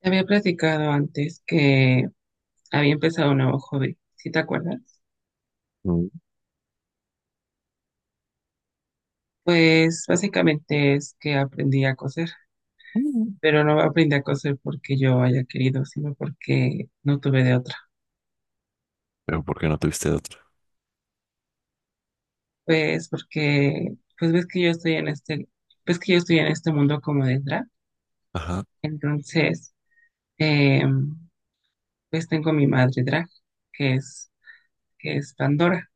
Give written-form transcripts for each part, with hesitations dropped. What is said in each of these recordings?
Te había platicado antes que había empezado un nuevo hobby, ¿si te acuerdas? Mm. Pues básicamente es que aprendí a coser, Mm. pero no aprendí a coser porque yo haya querido, sino porque no tuve de otra. Pero ¿por qué no tuviste otra? Pues porque, pues ves que yo estoy en este mundo como de drag, Ajá. entonces, eh, pues tengo mi madre drag, que es, que es Pandora.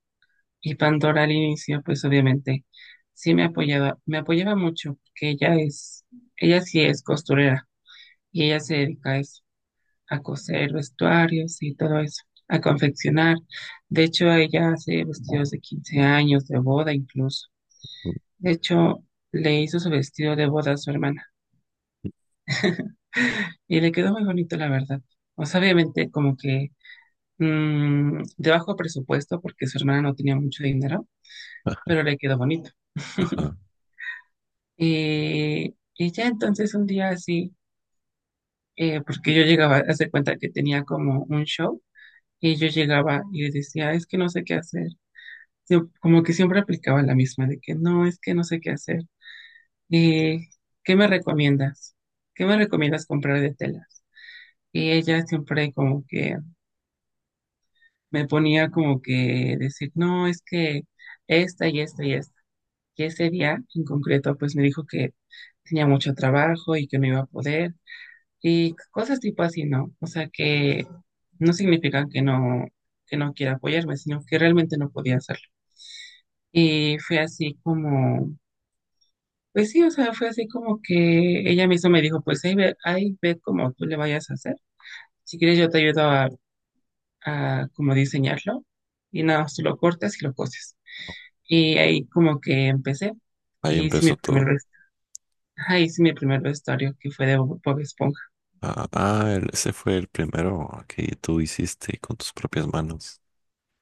Y Pandora al inicio, pues obviamente sí me apoyaba mucho, porque ella sí es costurera y ella se dedica a eso, a coser vestuarios y todo eso, a confeccionar. De hecho, ella hace vestidos de 15 años, de boda incluso. Mm, De hecho, le hizo su vestido de boda a su hermana mm. y le quedó muy bonito, la verdad. O sea, obviamente como que de bajo presupuesto, porque su hermana no tenía mucho dinero, pero le quedó bonito. Ajá. Y ya entonces un día así, porque yo llegaba, hace cuenta que tenía como un show, y yo llegaba y le decía, es que no sé qué hacer. Como que siempre aplicaba la misma, de que no, es que no sé qué hacer. Eh, ¿Qué me recomiendas? ¿Qué me recomiendas comprar de telas? Y ella siempre como que me ponía como que decir, no, es que esta y esta y esta. Y ese día en concreto, pues me dijo que tenía mucho trabajo y que no iba a poder. Y cosas tipo así, ¿no? O sea, que no significan que no quiera apoyarme, sino que realmente no podía hacerlo. Y fue así como, pues sí, o sea, fue así como que ella misma me dijo, pues ahí ve cómo tú le vayas a hacer. Si quieres yo te ayudo a, como diseñarlo y nada, más tú lo cortas y lo coses. Y ahí como que empecé Ahí y hice mi empezó primer, todo. vest- ajá, hice mi primer vestuario que fue de Bob Esponja. Ese fue el primero que tú hiciste con tus propias manos.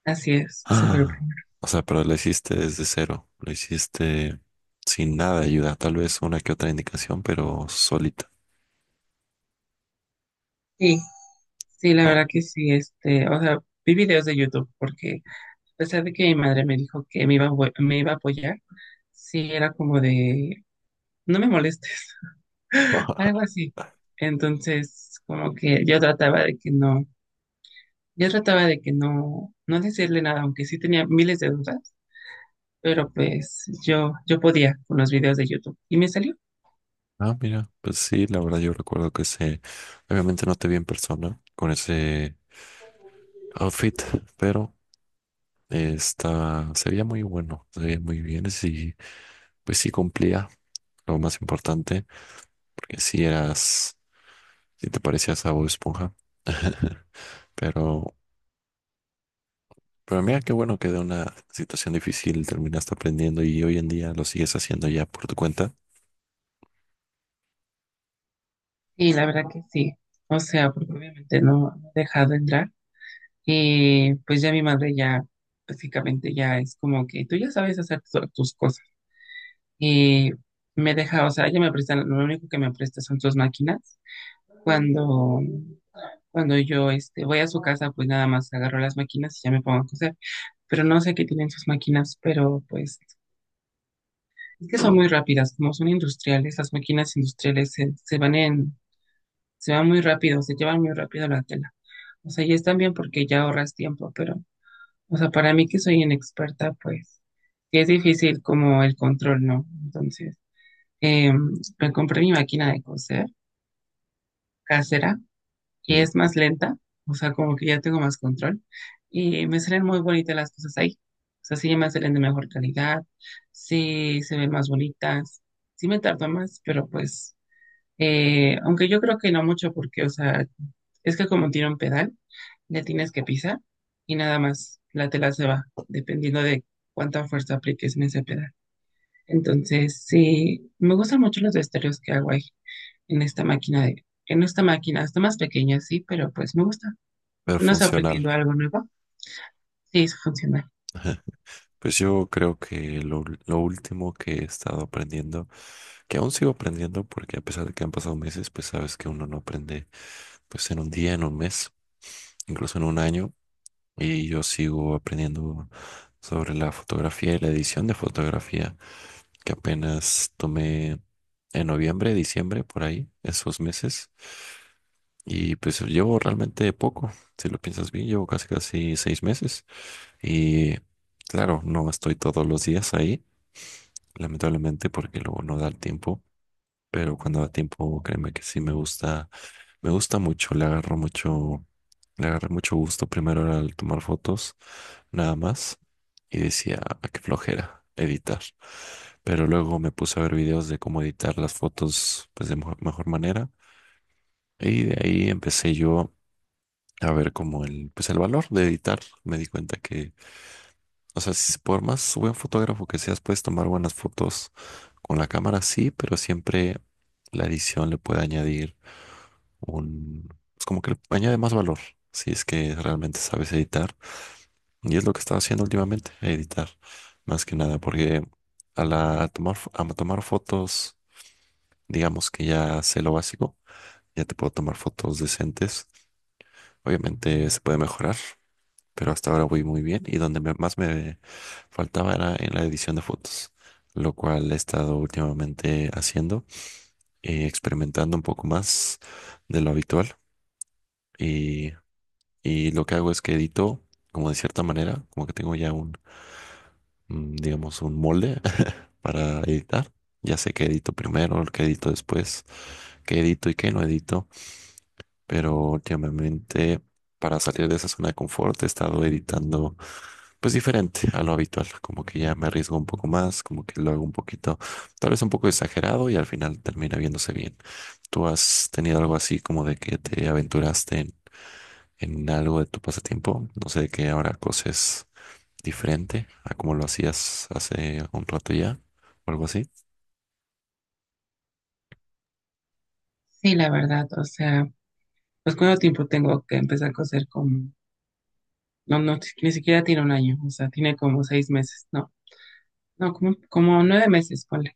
Así es, se fue el Ah. primer. O sea, pero lo hiciste desde cero. Lo hiciste sin nada de ayuda. Tal vez una que otra indicación, pero solita, Sí, la ¿no? verdad que sí, este, o sea, vi videos de YouTube porque a pesar de que mi madre me dijo que me iba a apoyar, sí era como de, no me molestes, algo así. Entonces, como que yo trataba de que no, no decirle nada, aunque sí tenía miles de dudas, pero pues yo podía con los videos de YouTube y me salió. Ah, mira. Pues sí, la verdad yo recuerdo que ese... Obviamente no te vi en persona con ese outfit, pero... Está, se veía muy bien. Pues sí cumplía lo más importante, porque si te parecías a Bob Esponja. Pero, pero mira qué bueno que de una situación difícil terminaste aprendiendo y hoy en día lo sigues haciendo ya por tu cuenta. Sí, la verdad que sí. O sea, porque obviamente no, no he dejado entrar. Pues ya mi madre ya básicamente ya es como que tú ya sabes hacer tus cosas. Y me deja, o sea, ella me presta, lo único que me presta son sus máquinas. Cuando, cuando yo voy a su casa, pues nada más agarro las máquinas y ya me pongo a coser. Pero no sé qué tienen sus máquinas, pero pues es que son muy rápidas, como son industriales, las máquinas industriales se van muy rápido, se llevan muy rápido la tela. O sea, y están bien porque ya ahorras tiempo, pero, o sea, para mí que soy inexperta, pues sí es difícil como el control, ¿no? Entonces, eh, me compré mi máquina de coser casera y Mm. es más lenta, o sea, como que ya tengo más control y me salen muy bonitas las cosas ahí. O sea, sí me salen de mejor calidad, sí se ven más bonitas, sí me tardo más, pero pues, aunque yo creo que no mucho porque, o sea, es que como tiene un pedal, le tienes que pisar y nada más la tela se va, dependiendo de cuánta fuerza apliques en ese pedal. Entonces, sí, me gustan mucho los estéreos que hago ahí, en esta máquina, está más pequeña, sí, pero pues me gusta. Pero ¿Tú no has funcional. aprendido algo nuevo? Sí, es funcional. Pues yo creo que lo último que he estado aprendiendo, que aún sigo aprendiendo, porque a pesar de que han pasado meses, pues sabes que uno no aprende pues en un día, en un mes, incluso en un año. Y yo sigo aprendiendo sobre la fotografía y la edición de fotografía, que apenas tomé en noviembre, diciembre, por ahí, esos meses. Y pues llevo realmente poco, si lo piensas bien, llevo casi casi 6 meses. Y claro, no estoy todos los días ahí, lamentablemente, porque luego no da el tiempo. Pero cuando da tiempo, créeme que sí me gusta. Me gusta mucho, le agarro mucho, le agarré mucho gusto. Primero era el tomar fotos, nada más. Y decía: "Ah, qué flojera editar". Pero luego me puse a ver videos de cómo editar las fotos pues, de mejor manera. Y de ahí empecé yo a ver como el, pues, el valor de editar. Me di cuenta que, o sea, por más buen fotógrafo que seas, puedes tomar buenas fotos con la cámara, sí, pero siempre la edición le puede añadir un, es como que le añade más valor, si es que realmente sabes editar. Y es lo que estaba haciendo últimamente, editar, más que nada, porque a la, a tomar, fo- a tomar fotos, digamos que ya sé lo básico, ya te puedo tomar fotos decentes. Obviamente se puede mejorar, pero hasta ahora voy muy bien. Y donde más me faltaba era en la edición de fotos, lo cual he estado últimamente haciendo, experimentando un poco más de lo habitual. Y Y lo que hago es que edito, como de cierta manera, como que tengo ya un, mm, digamos, un molde para editar. Ya sé qué edito primero, qué edito después, qué edito y qué no edito, pero últimamente para salir de esa zona de confort he estado editando pues diferente a lo habitual, como que ya me arriesgo un poco más, como que lo hago un poquito, tal vez un poco exagerado y al final termina viéndose bien. ¿Tú has tenido algo así como de que te aventuraste en algo de tu pasatiempo? No sé de qué ahora coses, diferente a como lo hacías hace un rato ya, o algo así. Sí, la verdad, o sea, pues cuánto tiempo tengo que empezar a coser como, no, no, ni siquiera tiene un año, o sea, tiene como 6 meses, no, no, como 9 meses, ponle,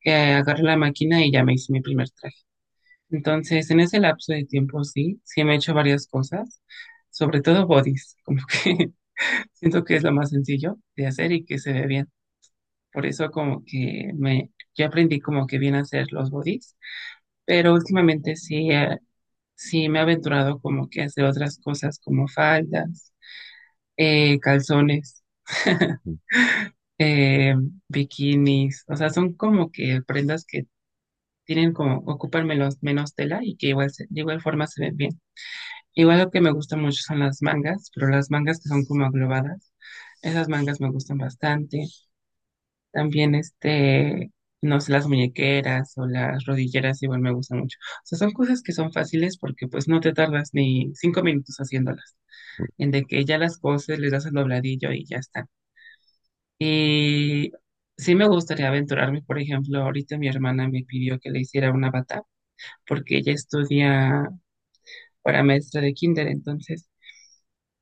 que agarré la máquina y ya me hice mi primer traje. Entonces, en ese lapso de tiempo, sí, sí me he hecho varias cosas, sobre todo bodies, como que siento que es lo más sencillo de hacer y que se ve bien. Por eso como que me, yo aprendí como que bien a hacer los bodies, pero últimamente sí, sí me he aventurado como que a hacer otras cosas como faldas, calzones, Mm. eh, bikinis, o sea, son como que prendas que tienen como, ocupan menos tela y que igual, de igual forma se ven bien. Igual lo que me gusta mucho son las mangas, pero las mangas que son como aglobadas, esas mangas me gustan bastante. También no sé, las muñequeras o las rodilleras igual me gustan mucho. O sea, son cosas que son fáciles porque pues no te tardas ni 5 minutos haciéndolas. En de que ya las coses, les das el dobladillo y ya está. Y sí me gustaría aventurarme, por ejemplo, ahorita mi hermana me pidió que le hiciera una bata porque ella estudia para maestra de kinder. entonces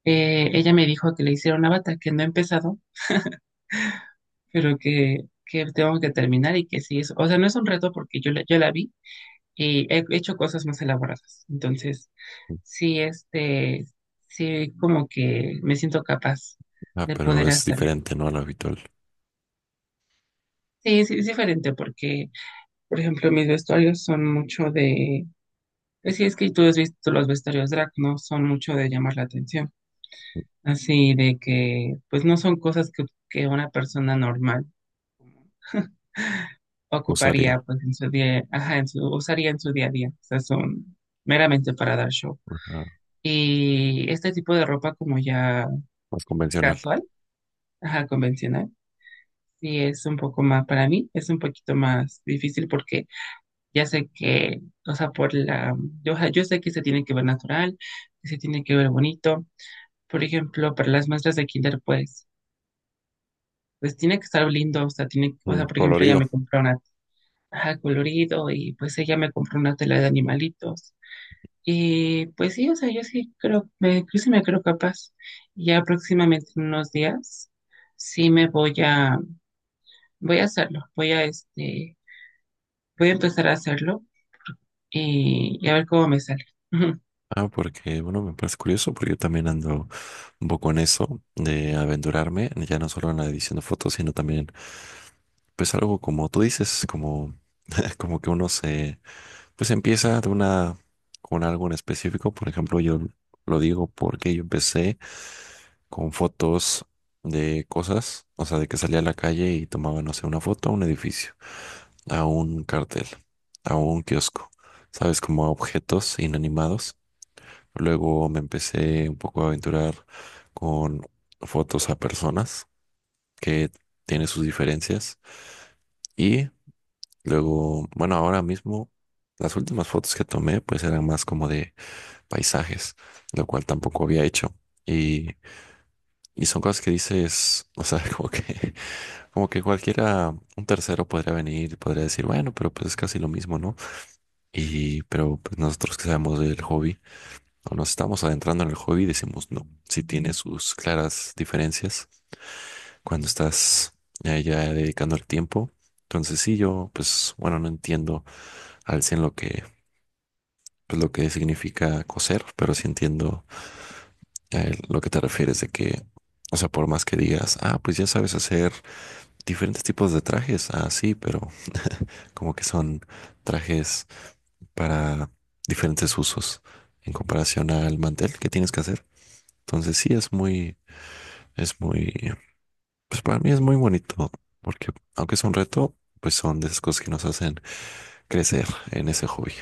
Eh, ella me dijo que le hiciera una bata, que no he empezado, pero que tengo que terminar y que sí es, o sea, no es un reto porque yo la vi y he hecho cosas más elaboradas. Entonces, sí, sí, como que me siento capaz Ah, de pero poder es hacerlo. diferente, ¿no? A lo habitual. Sí, sí, es diferente porque, por ejemplo, mis vestuarios son mucho de, es que tú has visto los vestuarios drag, ¿no? Son mucho de llamar la atención. Así de que, pues no son cosas que, una persona normal ocuparía Usaría, pues en su día, ajá, usaría en su día a día. O sea, son meramente para dar show. ajá, Y este tipo de ropa como ya más convencional. casual, ajá, convencional, sí es un poco más, para mí es un poquito más difícil porque ya sé que, o sea, ajá, yo sé que se tiene que ver natural, que se tiene que ver bonito. Por ejemplo, para las muestras de kinder, pues, tiene que estar lindo, o sea, o Mm, sea, por ejemplo, ella colorido. me compró una, ajá, colorido y pues ella me compró una tela de animalitos. Y pues sí, o sea, yo sí creo, yo sí me creo capaz. Ya próximamente en unos días, sí voy a hacerlo, voy a empezar a hacerlo y a ver cómo me sale. Ah, porque, bueno, me parece curioso porque yo también ando un poco en eso de aventurarme, ya no solo en la edición de fotos, sino también, pues algo como tú dices, como, como que uno se... Pues empieza de una, con algo en específico. Por ejemplo, yo lo digo porque yo empecé con fotos de cosas, o sea, de que salía a la calle y tomaba, no sé, una foto a un edificio, a un cartel, a un kiosco, ¿sabes? Como a objetos inanimados. Luego me empecé un poco a aventurar con fotos a personas que tienen sus diferencias. Y luego, bueno, ahora mismo, las últimas fotos que tomé, pues eran más como de paisajes, lo cual tampoco había hecho. Y, y son cosas que dices, o sea, como que cualquiera, un tercero podría venir y podría decir, bueno, pero pues es casi lo mismo, ¿no? Y, pero pues nosotros que sabemos del hobby, o nos estamos adentrando en el hobby, decimos, no, sí tiene sus claras diferencias cuando estás ya dedicando el tiempo. Entonces sí, yo, pues, bueno, no entiendo al 100% lo que, pues, lo que significa coser, pero sí entiendo lo que te refieres de que... O sea, por más que digas, ah, pues ya sabes hacer diferentes tipos de trajes, ah, sí, pero como que son trajes para diferentes usos en comparación al mantel que tienes que hacer. Entonces sí, es muy, pues para mí es muy bonito, porque aunque es un reto, pues son de esas cosas que nos hacen crecer en ese hobby.